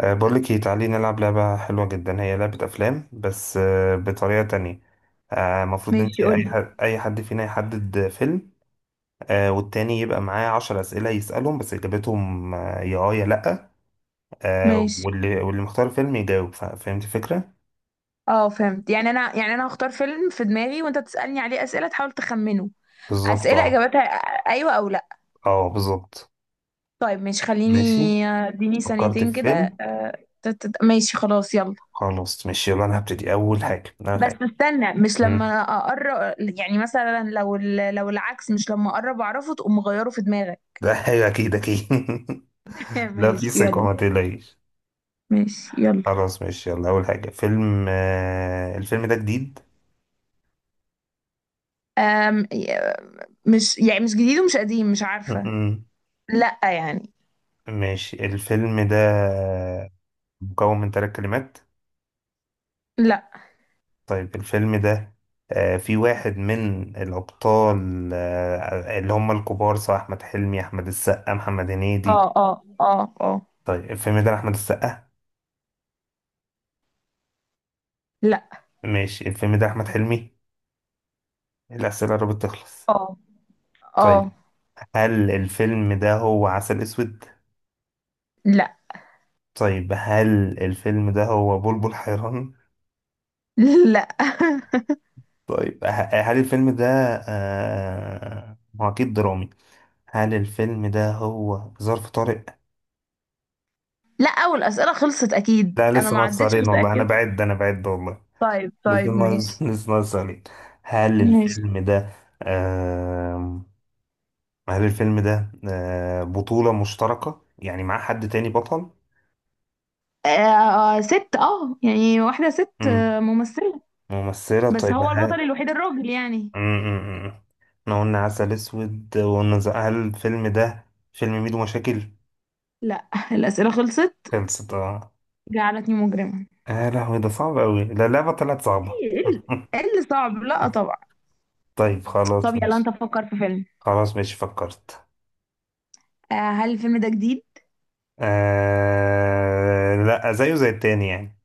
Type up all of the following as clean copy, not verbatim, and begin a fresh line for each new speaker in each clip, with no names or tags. بقولك ايه، تعالي نلعب لعبة حلوة جدا، هي لعبة أفلام بس بطريقة تانية. المفروض انت
ماشي،
أي
قولي.
حد أي حد فينا يحدد فيلم. والتاني يبقى معاه عشر أسئلة يسألهم، بس إجابتهم يا اه يا لأ.
ماشي.
واللي مختار فيلم يجاوب. فهمت الفكرة؟
اه فهمت، يعني انا هختار فيلم في دماغي وانت تسألني عليه اسئلة تحاول تخمنه.
بالظبط
اسئلة
اه.
اجابتها ايوه او لا.
اه بالظبط.
طيب ماشي، خليني.
ماشي،
اديني
فكرت
ثانيتين
في
كده.
فيلم.
آه، ماشي خلاص، يلا.
خلاص ماشي يلا، أنا هبتدي أول حاجة أول
بس
حاجة
استنى، مش
مم.
لما اقرب، يعني مثلا لو لو العكس، مش لما اقرب اعرفه تقوم مغيره في دماغك.
ده حاجة أكيد أكيد. لا،
ماشي
في ثقة،
يلا.
ما تقلقيش.
ماشي يلا.
خلاص ماشي يلا، أول حاجة فيلم الفيلم ده جديد.
أم مش يعني، مش جديد ومش قديم، مش عارفة.
مهم.
لا يعني.
ماشي، الفيلم ده مكون من ثلاث كلمات.
لا،
طيب، الفيلم ده في واحد من الأبطال، اللي هم الكبار، سواء أحمد حلمي، أحمد السقا، محمد
اه
هنيدي.
اه اه اه.
طيب، الفيلم ده أحمد السقا.
لا،
ماشي، الفيلم ده أحمد حلمي. الأسئلة قربت تخلص.
اه اه.
طيب، هل الفيلم ده هو عسل أسود؟
لا.
طيب، هل الفيلم ده هو بلبل حيران؟
لا.
طيب، هل الفيلم ده هو أكيد درامي. هل الفيلم ده هو ظرف طارق؟
لا، اول اسئله خلصت، اكيد
لا
انا
لسه
ما
ناقص
عدتش
علينا والله، أنا
متاكده.
بعد أنا بعد والله.
طيب
لسه
طيب
ناقص
ماشي.
لسه ناقص علينا. هل
ماشي.
الفيلم ده آه هل الفيلم ده بطولة مشتركة، يعني معاه حد تاني بطل؟
ست، يعني واحده ست،
مم.
ممثله.
ممثلة،
بس
طيب
هو
هل.
البطل الوحيد، الراجل يعني.
مم، مم، مم. احنا قلنا عسل أسود، وقلنا هل الفيلم ده فيلم ميدو مشاكل؟
لا، الاسئله خلصت.
خلصت اه.
جعلتني مجرمه.
آه، يا لهوي، ده صعب أوي، لا اللعبة طلعت صعبة.
ايه، إيه إيه اللي صعب؟ لا طبعا.
طيب
طب
خلاص
يلا، انت
ماشي.
فكر في فيلم.
خلاص ماشي فكرت.
هل الفيلم ده جديد؟
لا، زيه زي التاني يعني.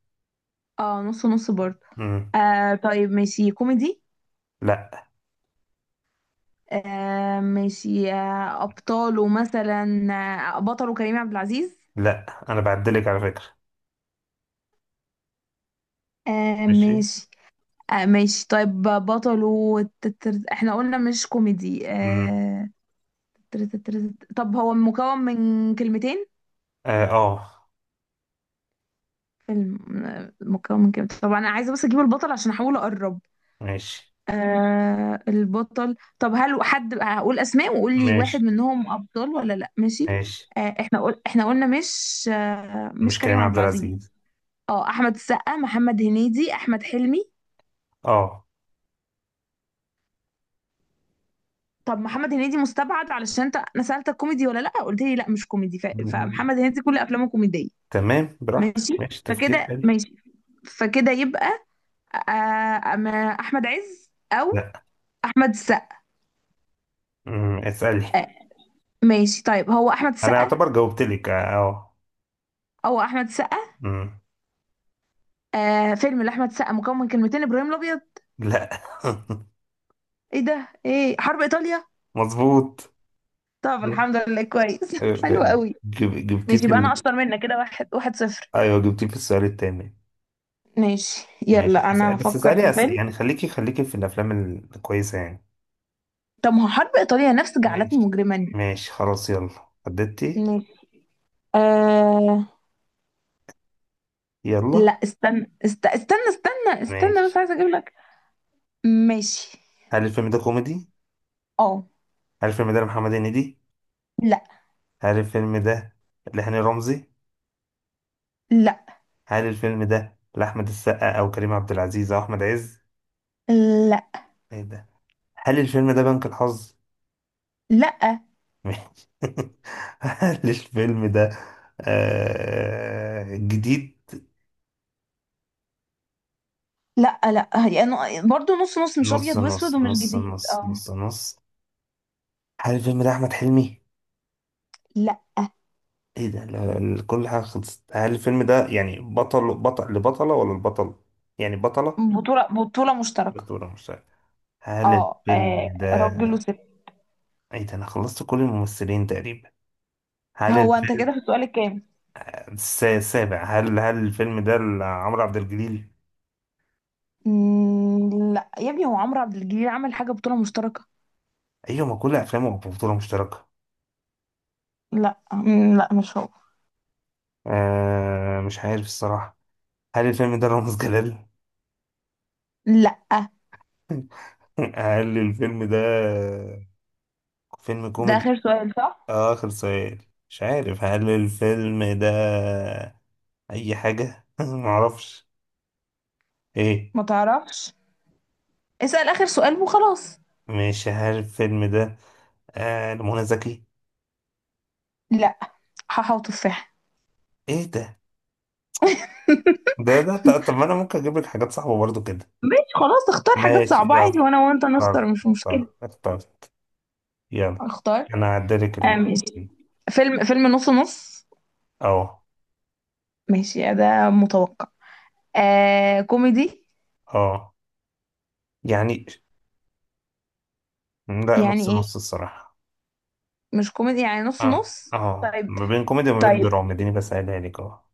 اه، نص نص برضه.
مم.
طيب، ماشي، كوميدي؟
لا
ماشي. أبطاله، مثلا بطله كريم عبد العزيز؟
لا. أنا بعدلك على فكرة. ماشي.
ماشي. ماشي. طيب، بطله احنا قلنا مش كوميدي،
مم.
طب هو مكون من كلمتين؟
آه، آه.
فيلم مكون من كلمتين. طب أنا عايزة بس أجيب البطل عشان أحاول أقرب.
ماشي
البطل. طب، هل حد... هقول أسماء وقول لي
ماشي
واحد منهم أبطال ولا لأ؟ ماشي.
ماشي،
احنا احنا قلنا مش، مش
مش
كريم
كريم
عبد
عبد
العزيز.
العزيز.
اه، احمد السقا، محمد هنيدي، احمد حلمي.
آه.
طب محمد هنيدي مستبعد، علشان انت... انا سالتك كوميدي ولا لا، قلت لي لا مش كوميدي،
مم.
فمحمد هنيدي كل افلامه كوميديه.
تمام براحتك،
ماشي
ماشي، تفكير
فكده.
حلو.
ماشي فكده يبقى أما احمد عز او
لا.
احمد السقا.
مم. اسألي.
ماشي. طيب، هو احمد
أنا
السقا
أعتبر جاوبتلك آه آه.
او احمد السقا.
مم.
فيلم لاحمد السقا مكون من كلمتين، ابراهيم الابيض؟
لا.
ايه ده؟ ايه، حرب ايطاليا؟
مظبوط.
طب الحمد لله، كويس. حلو قوي.
جب- جبتيه
ماشي،
في
يبقى انا
ال...
اشطر منك كده، واحد، واحد صفر.
ايوه، جبتيه في السؤال التاني.
ماشي
ماشي،
يلا، انا
بس
هفكر
اسألي،
في فيلم.
يعني خليكي في الافلام الكويسة يعني.
طب ما هو حرب ايطاليا نفس جعلتني
ماشي،
مجرما.
ماشي خلاص يلا. حددتي.
ماشي. آه...
يلا.
لا، استنى، استنى استنى استنى، بس
ماشي.
عايزه اجيب لك. ماشي.
هل الفيلم ده كوميدي؟
اه.
هل الفيلم ده لمحمد هنيدي؟
لا.
هل الفيلم ده لهاني رمزي؟
لا.
هل الفيلم ده لأحمد السقا او كريم عبد العزيز او احمد عز؟
لا.
ايه ده. هل الفيلم ده بنك الحظ؟
لا،
ماشي. هل الفيلم ده جديد؟
لا، لا يعني برضو نص نص، مش
نص
ابيض
نص
واسود ومش
نص
جديد،
نص
اه.
نص نص. هل الفيلم ده احمد حلمي؟
لا.
ايه ده، كل حاجه خلصت. هل الفيلم ده يعني بطل لبطله ولا البطل، يعني بطله؟
بطولة، بطولة مشتركة.
بطولة مش عارف. هل
اه،
الفيلم ده.
راجل وست.
ايه ده، انا خلصت كل الممثلين تقريبا. هل
هو انت
الفيلم
كده في السؤال الكام؟
السابع، هل الفيلم ده عمرو عبد الجليل؟
مم، لا يا ابني، هو عمرو عبد الجليل عمل حاجة بطولة مشتركة؟
ايوه، ما كل افلامه بطوله مشتركه.
لا، مم، لا مش هو.
مش عارف الصراحه. هل الفيلم ده رامز جلال؟
لا،
هل الفيلم ده فيلم
ده
كوميدي؟
آخر سؤال صح؟
آخر سؤال. مش عارف، هل الفيلم ده أي حاجة؟ معرفش. إيه.
ما تعرفش؟ اسأل آخر سؤال وخلاص.
مش هل الفيلم ده لمنى زكي؟
لا. حاحة وتفاحة.
إيه ده؟ ده طب، ما أنا ممكن أجيب لك حاجات صعبة برضو كده.
ماشي خلاص، اختار حاجات
ماشي
صعبة
يلا،
عادي، وانا وانت نختار،
اختار
مش مشكلة.
اختار اختار. يلا،
اختار.
أنا هعدلك ال
ماشي. فيلم، فيلم نص نص.
أه
ماشي ده متوقع. كوميدي؟
أه يعني، لا، نص
يعني ايه؟
نص الصراحة.
مش كوميدي يعني نص
أه
نص؟
أه
طيب
ما بين كوميدي وما بين
طيب.
دراما، اديني بسألها لك.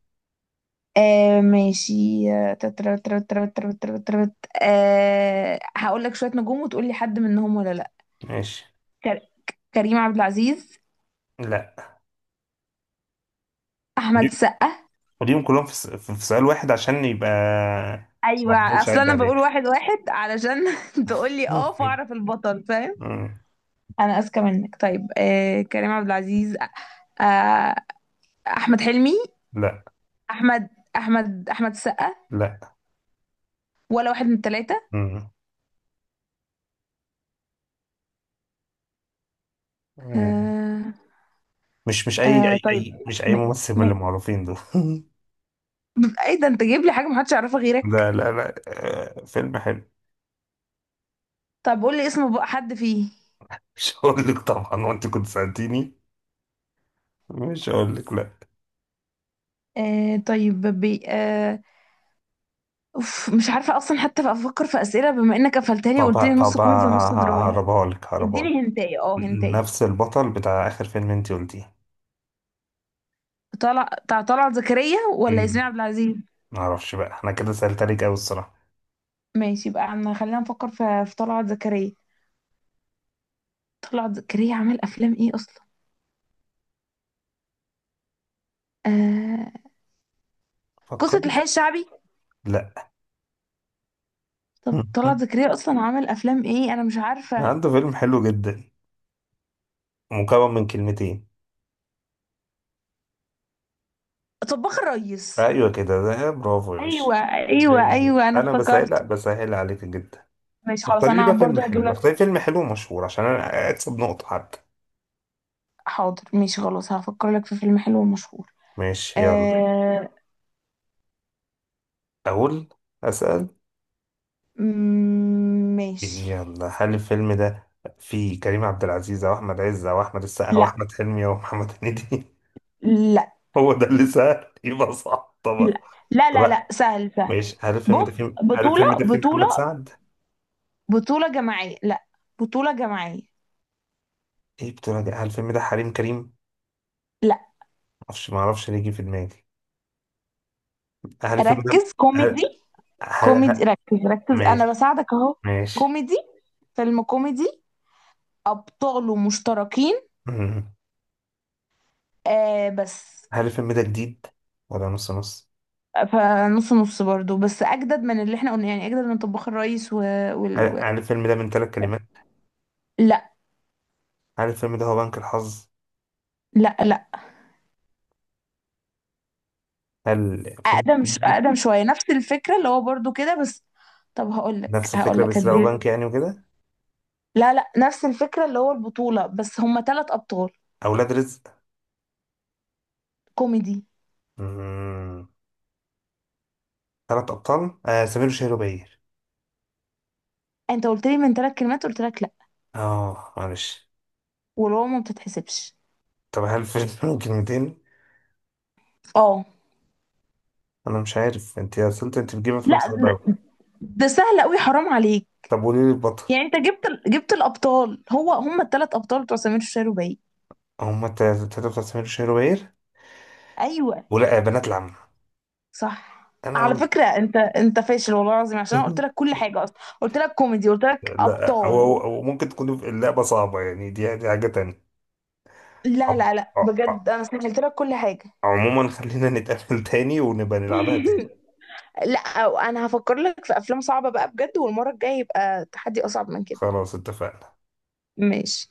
ماشي. آه تترت- ترت- ترت- ترت- ترت- ترت. هقول لك شوية نجوم وتقول لي حد منهم ولا لا؟
ماشي.
كر- كريم عبد العزيز؟
لا.
احمد السقا؟
خليهم كلهم في في سؤال واحد عشان يبقى. ما
ايوه،
افضلش
اصل
اعد
انا بقول
عليك.
واحد واحد علشان تقول لي
مم.
اه، فاعرف البطل، فاهم؟
مم.
انا اذكى منك. طيب، كريم عبد العزيز. آه احمد حلمي.
لا
احمد احمد السقا.
لا.
ولا واحد من الثلاثه؟
مم. مم.
آه
مش مش اي اي
طيب.
اي مش اي
م...
ممثل من اللي
م...
معروفين دول.
ايه ده، انت جايب لي حاجه محدش يعرفها
لا
غيرك.
لا لا، آه، فيلم حلو.
طب قول لي اسم بقى حد فيه.
مش هقول لك طبعا، وانت كنت سألتيني. مش هقول لك، لا.
طيب، بي آه أوف، مش عارفه اصلا حتى افكر في اسئله، بما انك قفلتها لي
طب
وقلت لي نص
طب
كوميدي ونص دراما.
هقربها لك.
اديني هنتايه، هنتايه.
نفس البطل بتاع اخر فيلم انت قلتيه.
طلع بتاع طلعت زكريا ولا
مم.
ياسمين عبد العزيز؟
معرفش بقى، انا كده سألت عليك قوي الصراحة.
ماشي بقى، عم خلينا نفكر في طلعت زكريا. طلعت زكريا عمل افلام ايه اصلا؟ آه...
فكر.
قصة الحي الشعبي؟
لا.
طب طلعت زكريا اصلا عمل افلام ايه، انا مش عارفة.
عنده فيلم حلو جدا، مكون من كلمتين.
طباخ الريس.
ايوه كده، ده برافو يا باشا.
ايوه ايوه
أيوة.
ايوه، انا
انا بسهل، لا،
افتكرته.
بسهل عليك جدا.
ماشي خلاص، انا برضو هجيب لك.
اختاري فيلم حلو ومشهور، عشان انا اكسب نقطة حتى.
حاضر، ماشي خلاص، هفكر لك في فيلم حلو ومشهور.
ماشي يلا.
آه...
اقول. اسأل.
مم، ماشي.
يلا، هل الفيلم ده فيه كريم عبد العزيز او احمد عز او احمد السقا او
لا،
احمد حلمي او محمد هنيدي؟
لا،
هو ده اللي سهل، يبقى صح
لا،
طبعا.
لا، لا،
طبعا.
لا، سهل سهل.
ماشي، هل الفيلم
بص،
ده فيه هل الفيلم
بطولة،
ده فيه
بطولة،
محمد سعد؟
بطولة جماعية، لا بطولة جماعية.
ايه بتقول ده؟ هل الفيلم ده حريم كريم؟
لا،
معرفش ليه جه في دماغي. هل الفيلم ده
ركز
هل
كوميدي.
هل
كوميدي،
هل-
ركز ركز، انا
ماشي
بساعدك اهو.
ماشي.
كوميدي، فيلم كوميدي، ابطاله مشتركين،
مم.
بس.
هل الفيلم ده جديد ولا نص نص؟
فنص نص برضو، بس اجدد من اللي احنا قلنا، يعني اجدد من طباخ الريس
هل,
وال... و...
هل الفيلم ده من ثلاث كلمات؟
لا
هل الفيلم ده هو بنك الحظ؟
لا لا.
هل فيلم
اقدم
كوميدي؟
اقدم شوية، نفس الفكرة اللي هو برضو كده بس. طب
نفس
هقول
الفكرة،
لك
بس لو
هدي.
بنك يعني وكده.
لا، لا، نفس الفكرة اللي هو البطولة، بس هما ثلاث ابطال.
أولاد رزق.
كوميدي.
مم. ثلاث أبطال، سمير وشهير وبهير.
انت قلت لي من ثلاث كلمات، قلت لك لا،
اه معلش.
والواو ما بتتحسبش.
طب هل الفيلم من كلمتين؟
اه.
أنا مش عارف أنت يا سلطة، أنت بتجيب أفلام
لا،
صعبة أوي.
ده سهل قوي، حرام عليك.
طب قولي لي البطل.
يعني انت جبت جبت الابطال، هو هم الثلاث ابطال بتوع سمير وشهير وبهير.
هما التلاتة بتوع سمير وشهير وبهير،
ايوه
ولا بنات العم؟
صح. على
أنا.
فكره، انت فاشل والله العظيم، عشان انا قلت
قلت
لك كل حاجه اصلا، قلت لك كوميدي، قلت لك
لا، هو
ابطال.
هو- هو ممكن تكون اللعبة صعبة، يعني دي حاجة تانية.
لا
عم-
لا لا،
ع- ع-
بجد انا سهلت لك كل حاجه.
عموما خلينا نتقابل تاني، ونبقى نلعبها تاني.
لا، انا هفكر لك في افلام صعبه بقى بجد، والمره الجايه يبقى تحدي اصعب من كده.
خلاص اتفقنا.
ماشي.